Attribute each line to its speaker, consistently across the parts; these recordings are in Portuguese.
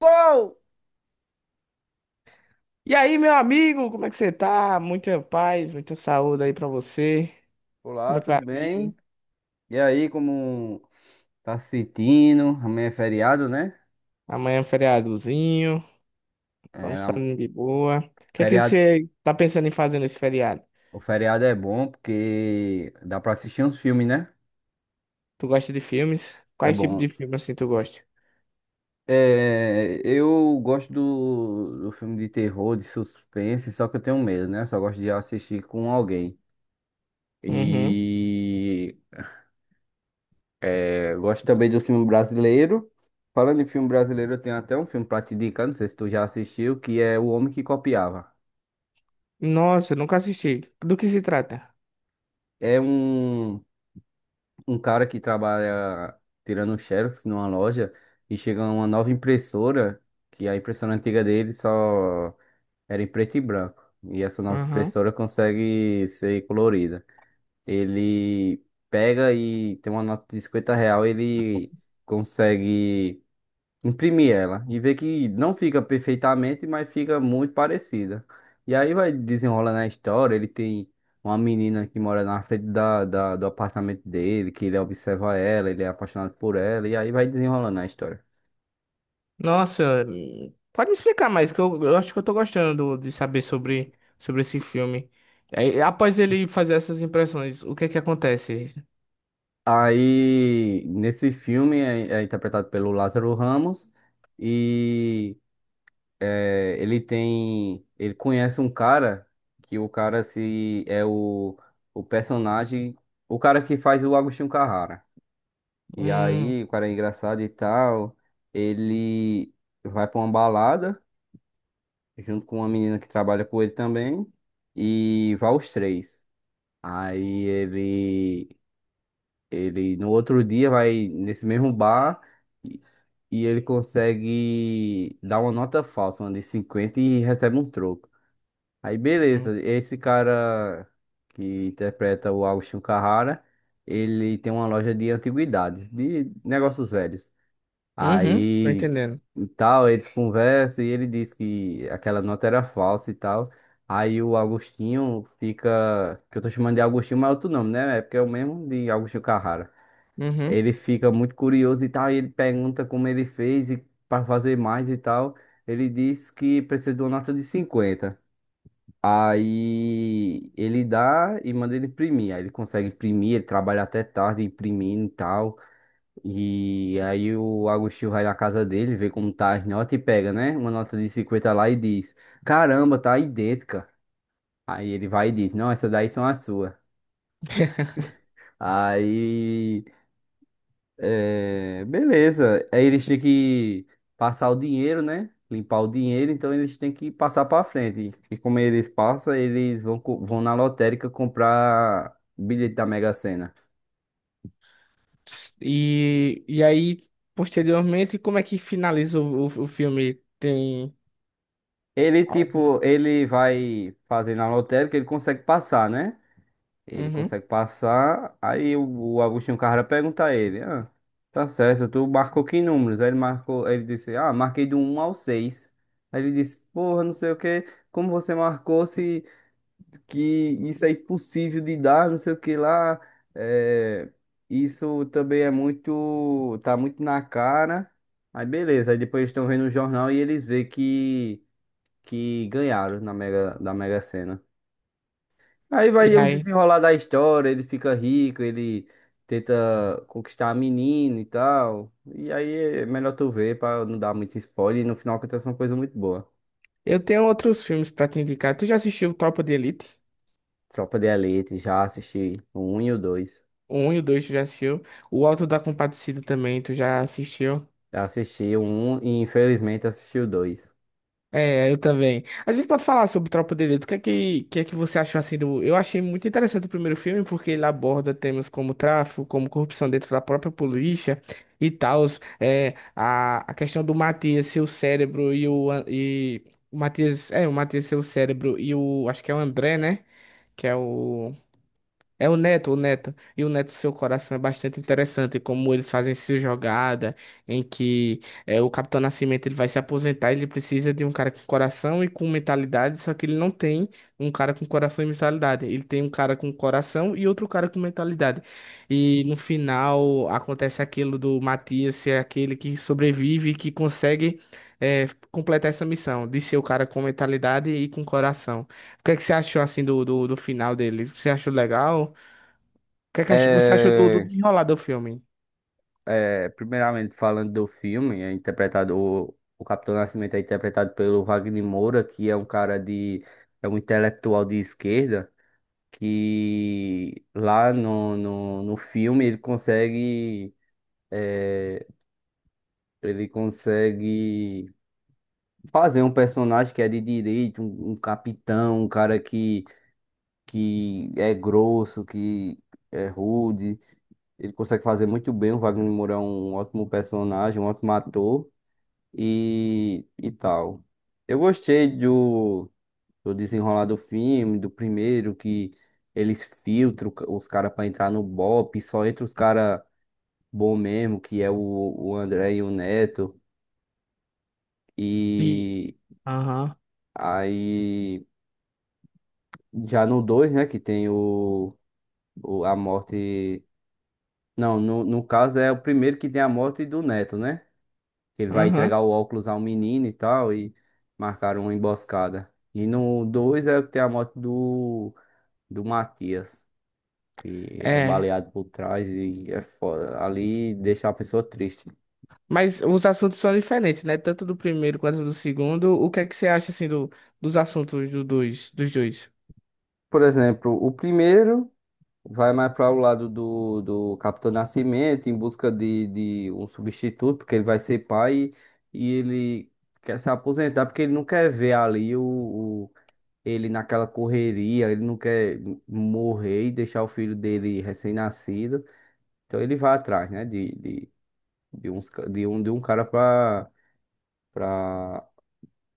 Speaker 1: Uou!
Speaker 2: E aí, meu amigo, como é que você tá? Muita paz, muita saúde aí pra você. Como
Speaker 1: Olá,
Speaker 2: é que vai
Speaker 1: tudo
Speaker 2: a vida?
Speaker 1: bem? E aí, como tá se sentindo? Amanhã é feriado, né?
Speaker 2: Amanhã é um feriadozinho,
Speaker 1: É,
Speaker 2: vamos saindo de boa. O que é que
Speaker 1: feriado,
Speaker 2: você tá pensando em fazer nesse feriado?
Speaker 1: o feriado é bom porque dá pra assistir uns filmes, né?
Speaker 2: Tu gosta de filmes?
Speaker 1: É
Speaker 2: Quais tipos de
Speaker 1: bom.
Speaker 2: filmes assim tu gosta?
Speaker 1: É, eu gosto do filme de terror, de suspense, só que eu tenho medo, né? Só gosto de assistir com alguém.
Speaker 2: Uhum.
Speaker 1: E eu gosto também do filme brasileiro. Falando em filme brasileiro, eu tenho até um filme pra te indicar, não sei se tu já assistiu, que é O Homem que Copiava.
Speaker 2: Nossa, eu nunca assisti. Do que se trata?
Speaker 1: É um cara que trabalha tirando um xerox numa loja e chega uma nova impressora, que a impressora antiga dele só era em preto e branco. E essa nova
Speaker 2: Uhum.
Speaker 1: impressora consegue ser colorida. Ele pega e tem uma nota de 50 real, ele consegue imprimir ela e ver que não fica perfeitamente, mas fica muito parecida. E aí vai desenrolando a história. Ele tem uma menina que mora na frente do apartamento dele, que ele observa ela, ele é apaixonado por ela, e aí vai desenrolando a história.
Speaker 2: Nossa, pode me explicar mais, que eu acho que eu tô gostando de saber sobre, sobre esse filme. Aí, após ele fazer essas impressões, o que é que acontece?
Speaker 1: Aí, nesse filme, é interpretado pelo Lázaro Ramos e ele conhece um cara que o cara se é o personagem, o cara que faz o Agostinho Carrara. E
Speaker 2: Hum.
Speaker 1: aí, o cara é engraçado e tal. Ele vai pra uma balada junto com uma menina que trabalha com ele também. E vai os três. Aí ele no outro dia vai nesse mesmo bar e, e ele consegue dar uma nota falsa, uma de 50 e recebe um troco. Aí
Speaker 2: Hum.
Speaker 1: beleza, esse cara que interpreta o Agostinho Carrara, ele tem uma loja de antiguidades, de negócios velhos.
Speaker 2: Uhum, tô
Speaker 1: Aí
Speaker 2: entendendo.
Speaker 1: e tal, eles conversam e ele diz que aquela nota era falsa e tal. Aí o Agostinho fica, que eu tô chamando de Agostinho, mas é outro nome, né? É porque é o mesmo de Agostinho Carrara.
Speaker 2: Uhum.
Speaker 1: Ele fica muito curioso e tal, e ele pergunta como ele fez e para fazer mais e tal. Ele diz que precisa de uma nota de cinquenta. Aí ele dá e manda ele imprimir. Aí ele consegue imprimir, ele trabalha até tarde imprimindo e tal. E aí o Agostinho vai na casa dele, vê como tá as notas e pega, né? Uma nota de 50 lá e diz: Caramba, tá idêntica. Aí ele vai e diz: Não, essas daí são as suas. Aí, beleza. Aí eles têm que passar o dinheiro, né? Limpar o dinheiro, então eles têm que passar pra frente. E como eles passam, eles vão na lotérica comprar bilhete da Mega Sena.
Speaker 2: E, e aí, posteriormente, como é que finaliza o filme? Tem
Speaker 1: Ele,
Speaker 2: algo?
Speaker 1: tipo, ele vai fazer na lotérica, ele consegue passar, né? Ele
Speaker 2: Uhum.
Speaker 1: consegue passar. Aí o Agostinho Carrara pergunta a ele: Ah, tá certo, tu marcou que números? Aí ele marcou, ele disse: Ah, marquei do um ao 6. Aí ele disse: Porra, não sei o que, como você marcou se que isso é impossível de dar, não sei o que lá. É, isso também é muito, tá muito na cara. Aí beleza, aí depois eles estão vendo o jornal e eles vê que ganharam da Mega Sena. Aí
Speaker 2: E
Speaker 1: vai um
Speaker 2: aí?
Speaker 1: desenrolar da história, ele fica rico, ele tenta conquistar a menina e tal. E aí é melhor tu ver pra não dar muito spoiler. E no final acontece uma coisa muito boa.
Speaker 2: Eu tenho outros filmes pra te indicar. Tu já assistiu Tropa de Elite?
Speaker 1: Tropa de Elite, já assisti o 1 e o dois.
Speaker 2: O 1 e o 2 tu já assistiu. O Auto da Compadecida também tu já assistiu.
Speaker 1: Já assisti o 1 e infelizmente assisti o dois.
Speaker 2: É, eu também. A gente pode falar sobre Tropa de Elite. O que é que você achou assim do. Eu achei muito interessante o primeiro filme, porque ele aborda temas como tráfico, como corrupção dentro da própria polícia e tal. É, a questão do Matias ser o cérebro e o. E, o Matias. É, o Matias ser o cérebro e o. Acho que é o André, né? Que é o. É o Neto, o Neto. E o Neto, seu coração é bastante interessante, como eles fazem essa jogada, em que é, o Capitão Nascimento ele vai se aposentar, ele precisa de um cara com coração e com mentalidade, só que ele não tem um cara com coração e mentalidade. Ele tem um cara com coração e outro cara com mentalidade. E no final acontece aquilo do Matias ser aquele que sobrevive e que consegue é, completar essa missão, de ser o cara com mentalidade e com coração. O que é que você achou assim do final dele? Você achou legal? O que é que você achou do
Speaker 1: É,
Speaker 2: desenrolar do filme?
Speaker 1: é, primeiramente falando do filme, é interpretado, o Capitão Nascimento é interpretado pelo Wagner Moura, que é um cara é um intelectual de esquerda. Que lá no filme ele consegue fazer um personagem que é de direito, um capitão, um cara que é grosso, que é rude. Ele consegue fazer muito bem. O Wagner Moura é um ótimo personagem, um ótimo ator e tal. Eu gostei do desenrolar do filme, do primeiro, que eles filtram os caras pra entrar no BOPE, só entra os caras bom mesmo, que é o André e o Neto.
Speaker 2: E.
Speaker 1: E
Speaker 2: Aham,
Speaker 1: aí, já no 2 né, que tem o, a morte. Não, no caso é o primeiro que tem a morte do Neto, né? Ele vai
Speaker 2: aham.
Speaker 1: entregar o óculos ao menino e tal, e marcaram uma emboscada. E no 2 é o que tem a morte do Matias, que é
Speaker 2: É.
Speaker 1: baleado por trás e é foda. Ali deixa a pessoa triste.
Speaker 2: Mas os assuntos são diferentes, né? Tanto do primeiro quanto do segundo. O que é que você acha, assim, do, dos assuntos do dois, dos dois?
Speaker 1: Por exemplo, o primeiro. Vai mais para o lado do Capitão Nascimento em busca de um substituto, porque ele vai ser pai e ele quer se aposentar porque ele não quer ver ali o, ele naquela correria, ele não quer morrer e deixar o filho dele recém-nascido. Então ele vai atrás, né, de, uns, ca- de um cara para para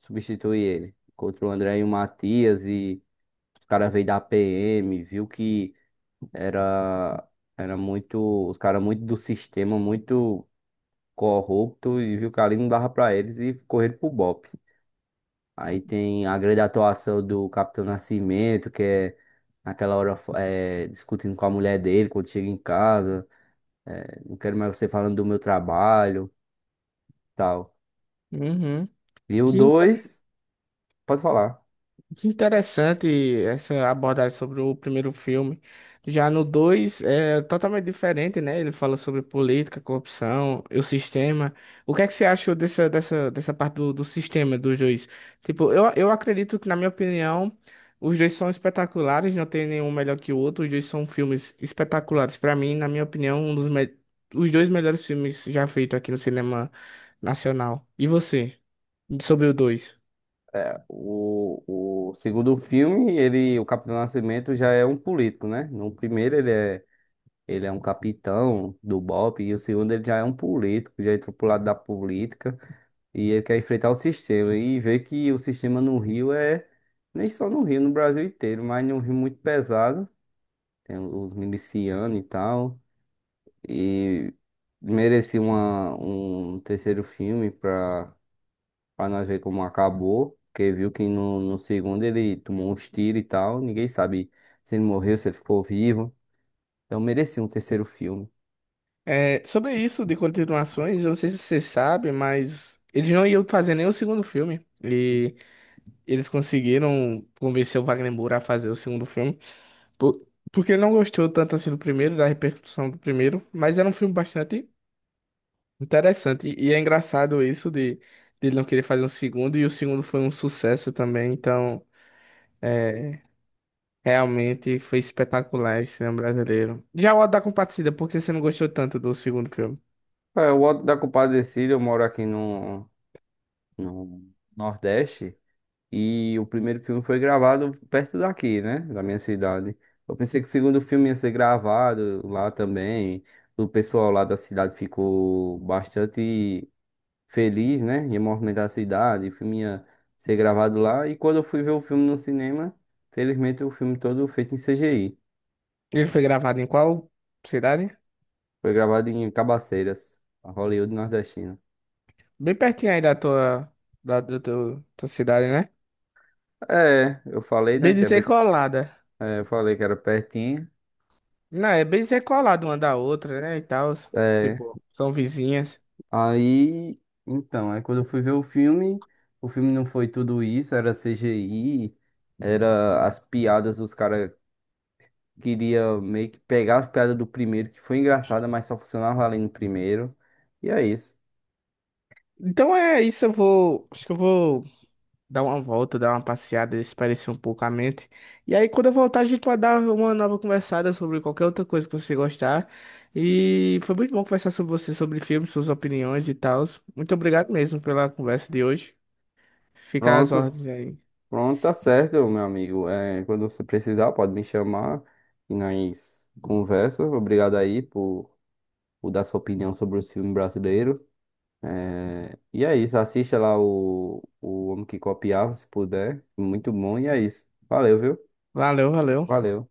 Speaker 1: substituir ele. Encontrou o André e o Matias e os caras veio da PM, viu que era, era muito, os caras muito do sistema, muito corrupto e viu que ali não dava pra eles e correram pro BOPE. Aí tem a grande atuação do Capitão Nascimento, que é naquela hora discutindo com a mulher dele quando chega em casa. É, não quero mais você falando do meu trabalho, tal.
Speaker 2: Uhum.
Speaker 1: E o
Speaker 2: Que
Speaker 1: dois, pode falar.
Speaker 2: Que interessante essa abordagem sobre o primeiro filme. Já no 2 é totalmente diferente, né? Ele fala sobre política, corrupção e o sistema. O que é que você achou dessa parte do sistema dos dois? Tipo, eu acredito que, na minha opinião, os dois são espetaculares, não tem nenhum melhor que o outro. Os dois são filmes espetaculares. Para mim, na minha opinião, um dos me... os dois melhores filmes já feitos aqui no cinema nacional. E você, sobre o 2?
Speaker 1: É, o segundo filme, ele, o Capitão Nascimento já é um político, né? No primeiro ele é. Ele é um capitão do BOPE e o segundo ele já é um político, já entrou pro lado da política e ele quer enfrentar o sistema e vê que o sistema no Rio é, nem só no Rio, no Brasil inteiro, mas num Rio muito pesado, tem os milicianos e tal, e merecia um terceiro filme pra nós ver como acabou, porque viu que no segundo ele tomou uns tiros e tal, ninguém sabe se ele morreu, se ele ficou vivo, então merecia um terceiro filme.
Speaker 2: É, sobre isso de continuações, eu não sei se você sabe, mas eles não iam fazer nem o segundo filme. E eles conseguiram convencer o Wagner Moura a fazer o segundo filme. por- Porque ele não gostou tanto assim do primeiro, da repercussão do primeiro, mas era um filme bastante interessante. E é engraçado isso de ele não querer fazer um segundo, e o segundo foi um sucesso também, então realmente foi espetacular esse cinema brasileiro. Já o Auto da Compadecida, por que você não gostou tanto do segundo filme?
Speaker 1: É, o Alto da Compadecida, eu moro aqui no Nordeste e o primeiro filme foi gravado perto daqui, né? Da minha cidade. Eu pensei que o segundo filme ia ser gravado lá também. O pessoal lá da cidade ficou bastante feliz, né? Ia movimentar a cidade, o filme ia ser gravado lá. E quando eu fui ver o filme no cinema, felizmente o filme todo feito em CGI.
Speaker 2: Ele foi gravado em qual cidade?
Speaker 1: Foi gravado em Cabaceiras, a Hollywood nordestina.
Speaker 2: Bem pertinho aí da tua, da tua, tua cidade, né?
Speaker 1: É, eu falei, né,
Speaker 2: Bem
Speaker 1: que é
Speaker 2: dizer
Speaker 1: bem.
Speaker 2: colada.
Speaker 1: É, eu falei que era pertinho.
Speaker 2: Não, é bem dizer colada uma da outra, né? E tal.
Speaker 1: É,
Speaker 2: Tipo, são vizinhas.
Speaker 1: aí, então, aí quando eu fui ver o filme não foi tudo isso, era CGI, era as piadas, os caras queriam meio que pegar as piadas do primeiro, que foi engraçada, mas só funcionava ali no primeiro. E é isso.
Speaker 2: Então é isso, eu vou. Acho que eu vou dar uma volta, dar uma passeada, espairecer um pouco a mente. E aí, quando eu voltar, a gente vai dar uma nova conversada sobre qualquer outra coisa que você gostar. E foi muito bom conversar sobre você, sobre filmes, suas opiniões e tal. Muito obrigado mesmo pela conversa de hoje. Fica às
Speaker 1: Pronto,
Speaker 2: ordens aí.
Speaker 1: pronto, tá certo, meu amigo. É, quando você precisar, pode me chamar e nós conversa. Obrigado aí por dar sua opinião sobre o filme brasileiro. E é isso, assista lá o Homem que Copiava, se puder. Muito bom, e é isso. Valeu, viu?
Speaker 2: Valeu, valeu.
Speaker 1: Valeu.